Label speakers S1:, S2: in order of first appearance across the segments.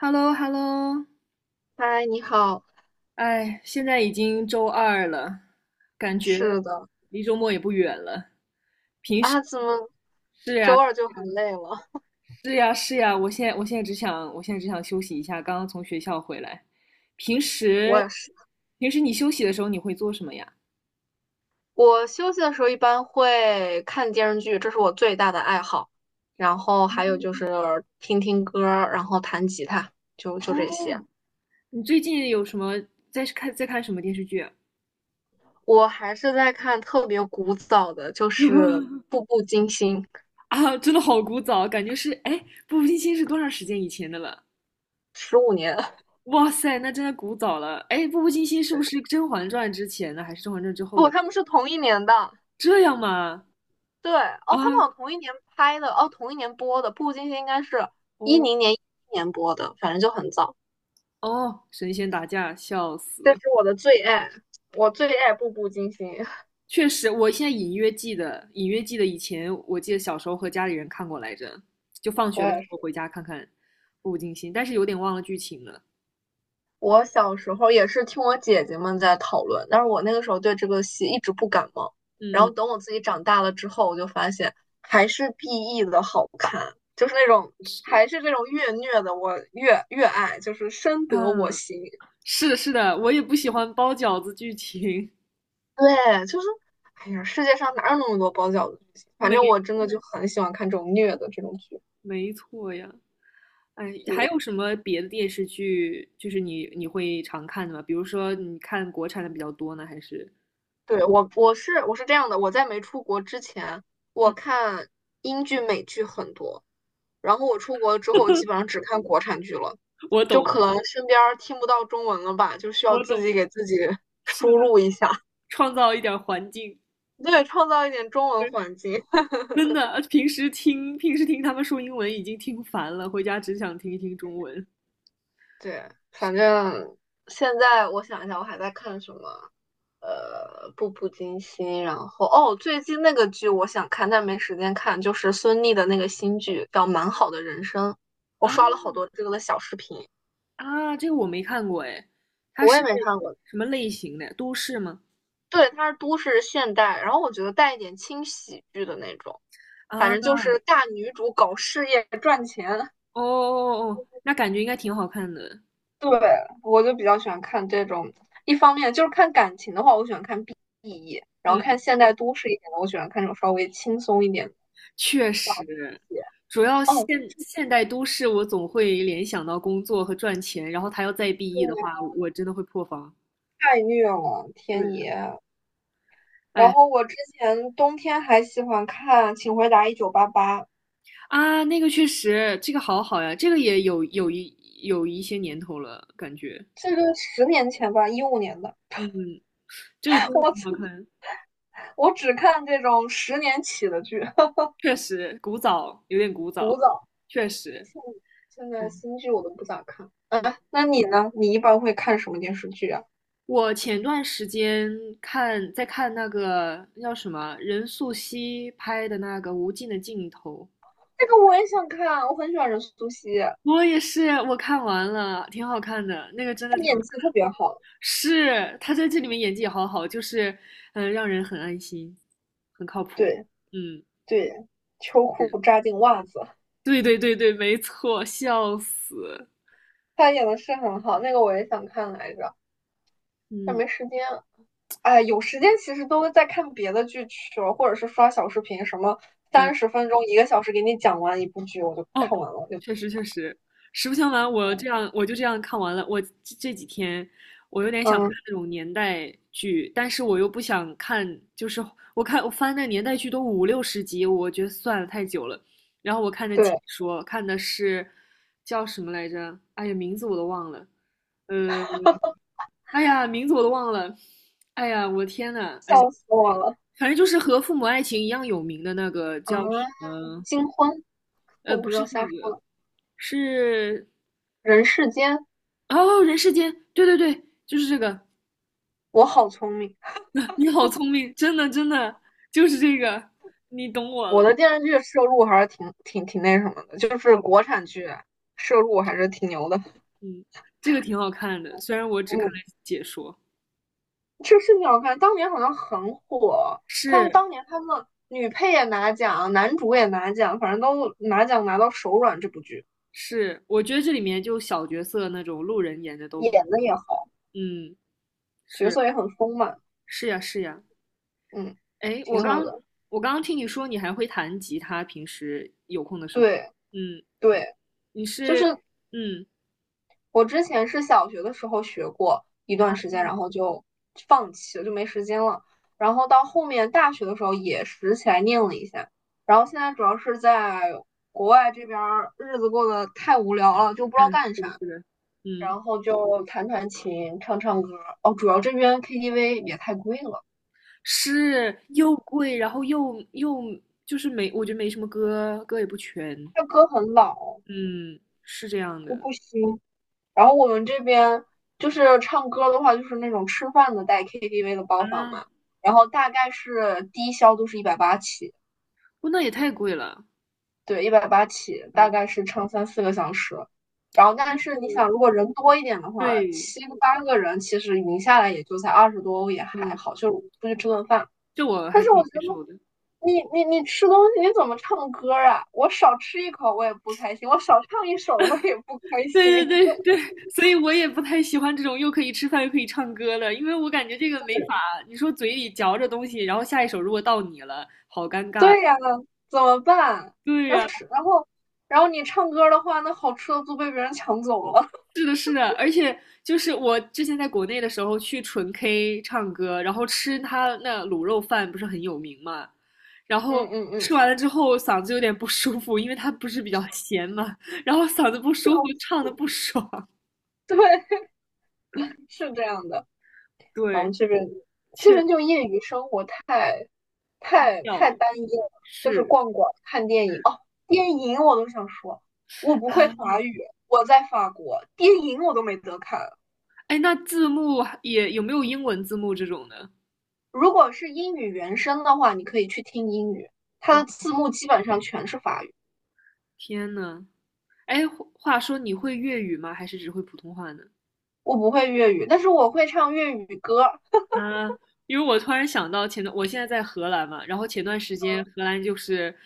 S1: h e l l o h e l l o
S2: 嗨，你好，
S1: 哎，现在已经周二了，感觉
S2: 是的。
S1: 离周末也不远了。平时
S2: 啊，怎么
S1: 是呀，
S2: 周二就很累了？
S1: 是呀，是呀，我现在只想休息一下，刚刚从学校回来。平
S2: 我
S1: 时，
S2: 也是，
S1: 平时你休息的时候你会做什么呀？
S2: 我休息的时候一般会看电视剧，这是我最大的爱好。然后还有就是听听歌儿然后弹吉他，就这些。
S1: 哦，你最近有什么在看什么电视剧啊？
S2: 我还是在看特别古早的，就是 《步步惊心》，
S1: 啊真的好古早，感觉是，哎，《步步惊心》是多长时间以前的了？
S2: 十五年，
S1: 哇塞，那真的古早了。哎，《步步惊心》是不是《甄嬛传》之前的，还是《甄嬛传》之后
S2: 不，
S1: 的？
S2: 他们是同一年的。
S1: 这样吗？
S2: 对，哦，
S1: 啊，
S2: 他们好像同一年拍的，哦，同一年播的，《步步惊心》应该是一
S1: 哦。
S2: 零年、一一年播的，反正就很早。
S1: 哦，神仙打架，笑
S2: 这
S1: 死！
S2: 是我的最爱，我最爱《步步惊心》。
S1: 确实，我现在隐约记得，隐约记得以前，我记得小时候和家里人看过来着，就放
S2: 我
S1: 学的时
S2: 也
S1: 候
S2: 是，
S1: 回家看看《步步惊心》，但是有点忘了剧情了。
S2: 我小时候也是听我姐姐们在讨论，但是我那个时候对这个戏一直不感冒。然后
S1: 嗯，
S2: 等我自己长大了之后，我就发现还是 BE 的好看，就是那种
S1: 是，
S2: 还是这种越虐的，我越爱，就是深得我
S1: 嗯，
S2: 心。
S1: 是的，是的，我也不喜欢包饺子剧情。
S2: 对，就是哎呀，世界上哪有那么多包饺子剧情？反
S1: 没，
S2: 正我真的就很喜欢看这种虐的这种剧。
S1: 没错呀。哎，还
S2: 对，
S1: 有什么别的电视剧，就是你会常看的吗？比如说你看国产的比较多呢，还是？
S2: 对，我是这样的，我在没出国之前，
S1: 嗯，
S2: 我看英剧、美剧很多，然后我出国之后，基本上只看国产剧了，
S1: 我
S2: 就
S1: 懂，
S2: 可能身边儿听不到中文了吧，就需要
S1: 我
S2: 自己
S1: 懂，
S2: 给自己
S1: 是
S2: 输
S1: 的，
S2: 入一下，
S1: 创造一点儿环境，
S2: 对，创造一点中文环境。
S1: 真的，平时听他们说英文已经听烦了，回家只想听一听中文。
S2: 对，反正现在我想一下，我还在看什么？步步惊心，然后哦，最近那个剧我想看，但没时间看，就是孙俪的那个新剧叫《蛮好的人生》，我
S1: 啊。
S2: 刷了好多这个的小视频，
S1: 啊，这个我没看过哎，它
S2: 我也
S1: 是
S2: 没看过。
S1: 什么类型的？都市吗？
S2: 对，它是都市现代，然后我觉得带一点轻喜剧的那种，反
S1: 啊，
S2: 正就
S1: 哦。
S2: 是大女主搞事业。
S1: 哦。哦，那感觉应该挺好看的。
S2: 对，我就比较喜欢看这种。一方面就是看感情的话，我喜欢看 BE，然后看
S1: 嗯，
S2: 现代都市一点的，我喜欢看这种稍微轻松一点的
S1: 确实，
S2: 剧。
S1: 主要
S2: 哦，
S1: 现代都市，我总会联想到工作和赚钱，然后他要再 BE 的
S2: 对，
S1: 话，我真的会破防。
S2: 太虐了，
S1: 对，
S2: 天爷！然
S1: 哎。
S2: 后我之前冬天还喜欢看《请回答一九八八》，
S1: 啊，那个确实，这个好好呀，这个也有一些年头了，感觉，
S2: 这个十年前吧，一五年的。
S1: 嗯，这个 真的
S2: 我
S1: 挺好
S2: 只
S1: 看，
S2: 我只看这种十年起的剧，
S1: 确实古早，有点古
S2: 古
S1: 早，
S2: 早。
S1: 确实，
S2: 现在
S1: 嗯。
S2: 新剧我都不咋看。
S1: 嗯，
S2: 哎，那你呢？你一般会看什么电视剧啊？
S1: 我前段时间看在看那个叫什么任素汐拍的那个《无尽的尽头》。
S2: 这个我也想看，我很喜欢任素汐。
S1: 我也是，我看完了，挺好看的，那个真的
S2: 他
S1: 挺好
S2: 演
S1: 看。
S2: 技特别好，
S1: 是，他在这里面演技也好好，就是，嗯。让人很安心，很靠谱。
S2: 对
S1: 嗯，
S2: 对，秋裤扎进袜子，
S1: 对对对对，没错，笑死。
S2: 他演的是很好，那个我也想看来着，但
S1: 嗯
S2: 没时间。哎，有时间
S1: 嗯，嗯，
S2: 其实都在看别的剧去了，或者是刷小视频，什么三十分钟、一个小时给你讲完一部剧，我就
S1: 哦，
S2: 看完了，我就
S1: 确实确实，实不相瞒，我
S2: 嗯
S1: 这样我就这样看完了。我这几天我有点想看
S2: 嗯，
S1: 那种年代剧，但是我又不想看，就是我翻那年代剧都五六十集，我觉得算了太久了。然后我看的解
S2: 对，
S1: 说，看的是叫什么来着？哎呀，名字我都忘了。呃，哎呀，名字我都忘了。哎呀，我的天呐，哎，
S2: 笑死我了。
S1: 反正就是和《父母爱情》一样有名的那个
S2: 啊！
S1: 叫什么？
S2: 金婚，我
S1: 不
S2: 不知
S1: 是
S2: 道
S1: 这
S2: 瞎说
S1: 个，
S2: 了，
S1: 是。
S2: 人世间，
S1: 哦，人世间，对对对，就是这个。
S2: 我好聪明，
S1: 你好聪明，真的真的就是这个，你懂我
S2: 我
S1: 了。
S2: 的电视剧摄入还是挺那什么的，就是
S1: 哦，
S2: 国产剧摄入还是挺牛的，
S1: 嗯，这个挺好看的，虽然我只看
S2: 嗯。
S1: 了解说。
S2: 这个挺好看，当年好像很火。他们
S1: 是
S2: 当年他们女配也拿奖，男主也拿奖，反正都拿奖拿到手软。这部剧
S1: 是，我觉得这里面就小角色那种路人演的都，
S2: 演的也好，
S1: 嗯，
S2: 角
S1: 是。
S2: 色也很丰满，
S1: 是呀是呀。
S2: 嗯，
S1: 哎，我
S2: 挺好
S1: 刚
S2: 的。
S1: 我刚刚听你说你还会弹吉他，平时有空的时候，
S2: 对
S1: 嗯，
S2: 对，
S1: 你
S2: 就
S1: 是
S2: 是
S1: 嗯
S2: 我之前是小学的时候学过一段时间，
S1: 嗯，
S2: 然后就放弃了，就没时间了。然后到后面大学的时候也拾起来念了一下，然后现在主要是在国外这边儿日子过得太无聊了，就不知
S1: 哎，
S2: 道干
S1: 是的
S2: 啥。
S1: 是的，嗯。
S2: 然后就弹弹琴、唱唱歌。哦，主要这边 KTV 也太贵了，
S1: 是又贵，然后又就是没，我觉得没什么歌，歌也不全，
S2: 它歌很老，
S1: 嗯，是这样
S2: 就
S1: 的。
S2: 不新。然后我们这边就是唱歌的话，就是那种吃饭的带 KTV 的包房
S1: 啊，
S2: 嘛，然后大概是低消都是一百八起，
S1: 不，那也太贵了，
S2: 对，一百八起，大
S1: 嗯，
S2: 概是唱三四个小时。然后，
S1: 但
S2: 但是你
S1: 是
S2: 想，如果人多一点的话，
S1: 对，
S2: 七个八个人，其实匀下来也就才二十多欧，也还
S1: 嗯，
S2: 好，就是出去吃顿饭。
S1: 这我
S2: 但
S1: 还
S2: 是
S1: 可
S2: 我
S1: 以
S2: 觉
S1: 接
S2: 得
S1: 受的，
S2: 你吃东西你怎么唱歌啊？我少吃一口我也不开心，我少唱一首我也不开
S1: 对对
S2: 心。
S1: 对对，所以我也不太喜欢这种又可以吃饭又可以唱歌的，因为我感觉这个没法，你说嘴里嚼着东西，然后下一首如果到你了，好尴尬，
S2: 对呀，怎么办？
S1: 对
S2: 要
S1: 呀。
S2: 是然后然后你唱歌的话，那好吃的都被别人抢走了。
S1: 是的，是的，而且就是我之前在国内的时候去纯 K 唱歌，然后吃他那卤肉饭不是很有名嘛，然
S2: 嗯
S1: 后
S2: 嗯
S1: 吃
S2: 嗯，
S1: 完了之后嗓子有点不舒服，因为他不是比较咸嘛，然后嗓子不舒服，唱的不爽，
S2: 对，是这样的。然
S1: 对，
S2: 后这边
S1: 确
S2: 就
S1: 实
S2: 业余生活太太
S1: 掉
S2: 太
S1: 了，
S2: 单一了，就是
S1: 是
S2: 逛逛、看电影。哦，电影我都想说，我不会
S1: 啊，
S2: 法语，我在法国，电影我都没得看。
S1: 哎，那字幕也有没有英文字幕这种的？
S2: 如果是英语原声的话，你可以去听英语，它的
S1: 哦，
S2: 字幕基本上全是法语。
S1: 天呐，哎，话说你会粤语吗？还是只会普通话呢？
S2: 我不会粤语，但是我会唱粤语歌啊，
S1: 啊，因为我突然想到前段，我现在在荷兰嘛，然后前段时间荷兰就是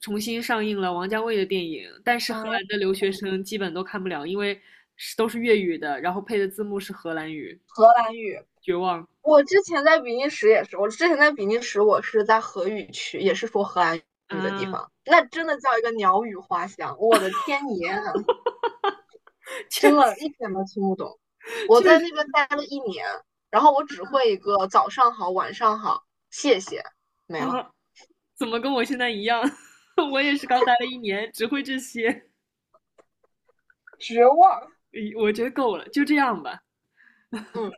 S1: 重新上映了王家卫的电影，但是荷兰的留学生基本都看不了，因为是都是粤语的，然后配的字幕是荷兰语，
S2: 荷兰语。
S1: 绝望
S2: 我之前在比利时也是，我之前在比利时，我是在荷语区，也是说荷兰语的地
S1: 啊
S2: 方，那真的叫一个鸟语花香，我的天爷啊真的一点都听不懂。我
S1: 确
S2: 在
S1: 实
S2: 那边待了一年，然后我只会一个早上好，晚上好，谢谢，没了，
S1: 啊，怎么跟我现在一样？我也是刚待了1年，只会这些，
S2: 绝望。
S1: 诶我觉得够了，就这样吧。
S2: 嗯。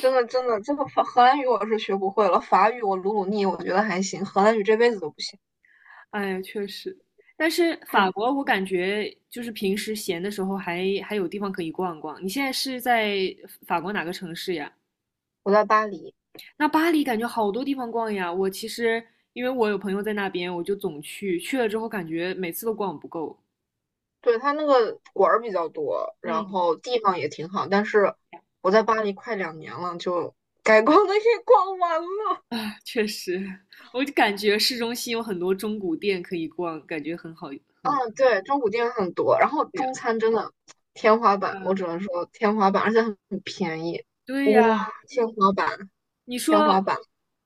S2: 真的真的，这个法荷兰语我是学不会了，法语我努努力，我觉得还行，荷兰语这辈子都不行。
S1: 哎呀，确实，但是
S2: 太
S1: 法
S2: 难。
S1: 国我感觉就是平时闲的时候还有地方可以逛逛。你现在是在法国哪个城市呀？
S2: 我在巴黎，
S1: 那巴黎感觉好多地方逛呀。我其实因为我有朋友在那边，我就总去，去了之后感觉每次都逛不够。
S2: 对，它那个馆儿比较多，然
S1: 嗯，
S2: 后地方也挺好，但是我在巴黎快两年了，就该逛的也逛完了。
S1: 啊，确实，我就感觉市中心有很多中古店可以逛，感觉很好，很
S2: 嗯，对，中古店很多，然后
S1: 对呀。
S2: 中餐真的天花板，我
S1: 嗯，
S2: 只能说天花板，而且很便宜，
S1: 对呀，
S2: 哇，天花板，
S1: 你
S2: 天花
S1: 说，
S2: 板，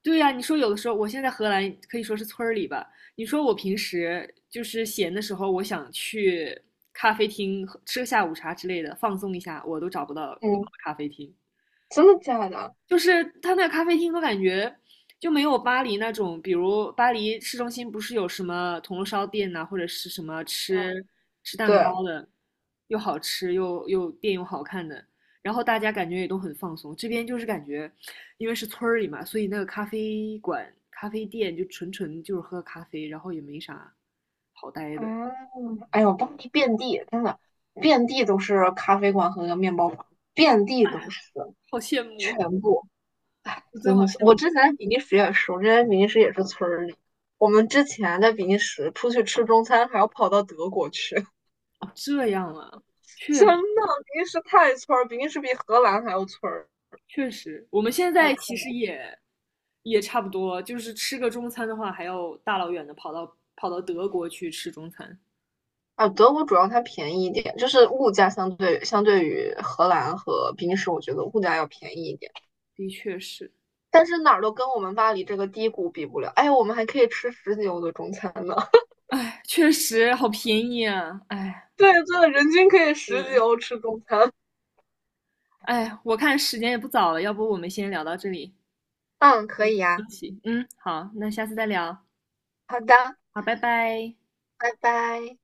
S1: 对呀、你说有的时候，我现在荷兰可以说是村儿里吧。你说我平时就是闲的时候，我想去咖啡厅喝吃个下午茶之类的，放松一下，我都找不到好的
S2: 嗯，
S1: 咖啡厅。
S2: 真的假的？
S1: 就是他那个咖啡厅，都感觉就没有巴黎那种，比如巴黎市中心不是有什么铜锣烧店呐、或者是什么
S2: 嗯，
S1: 吃蛋
S2: 对。
S1: 糕的，又好吃又店又好看的，然后大家感觉也都很放松。这边就是感觉，因为是村儿里嘛，所以那个咖啡馆、咖啡店就纯纯就是喝咖啡，然后也没啥好待的，
S2: 嗯，哎呦，当地遍地真的遍地都是咖啡馆和面包房，遍地都是，
S1: 好羡慕，
S2: 全部
S1: 我真的
S2: 真
S1: 好
S2: 的是。
S1: 羡
S2: 我
S1: 慕。
S2: 之前在比利时也是，我之前在比利时也是村儿里。我们之前在比利时出去吃中餐，还要跑到德国去，
S1: 哦，这样啊，确
S2: 真
S1: 实。
S2: 的，比利时太村儿，比利时比荷兰还要村儿，
S1: 确实，我们现
S2: 太
S1: 在
S2: 可
S1: 其
S2: 怜
S1: 实
S2: 了。
S1: 也差不多，就是吃个中餐的话，还要大老远的跑到德国去吃中餐，
S2: 啊，德国主要它便宜一点，就是物价相对于荷兰和比利时，我觉得物价要便宜一点。
S1: 的确是，
S2: 但是哪儿都跟我们巴黎这个低谷比不了。哎，我们还可以吃十几欧的中餐呢。
S1: 哎，确实好便宜啊，哎，
S2: 对，对，人均可以十几
S1: 是，
S2: 欧吃中餐。
S1: 哎，我看时间也不早了，要不我们先聊到这里，
S2: 嗯，可以呀、啊
S1: 嗯行，嗯，好，那下次再聊，
S2: 好的，
S1: 好，拜拜。
S2: 拜拜。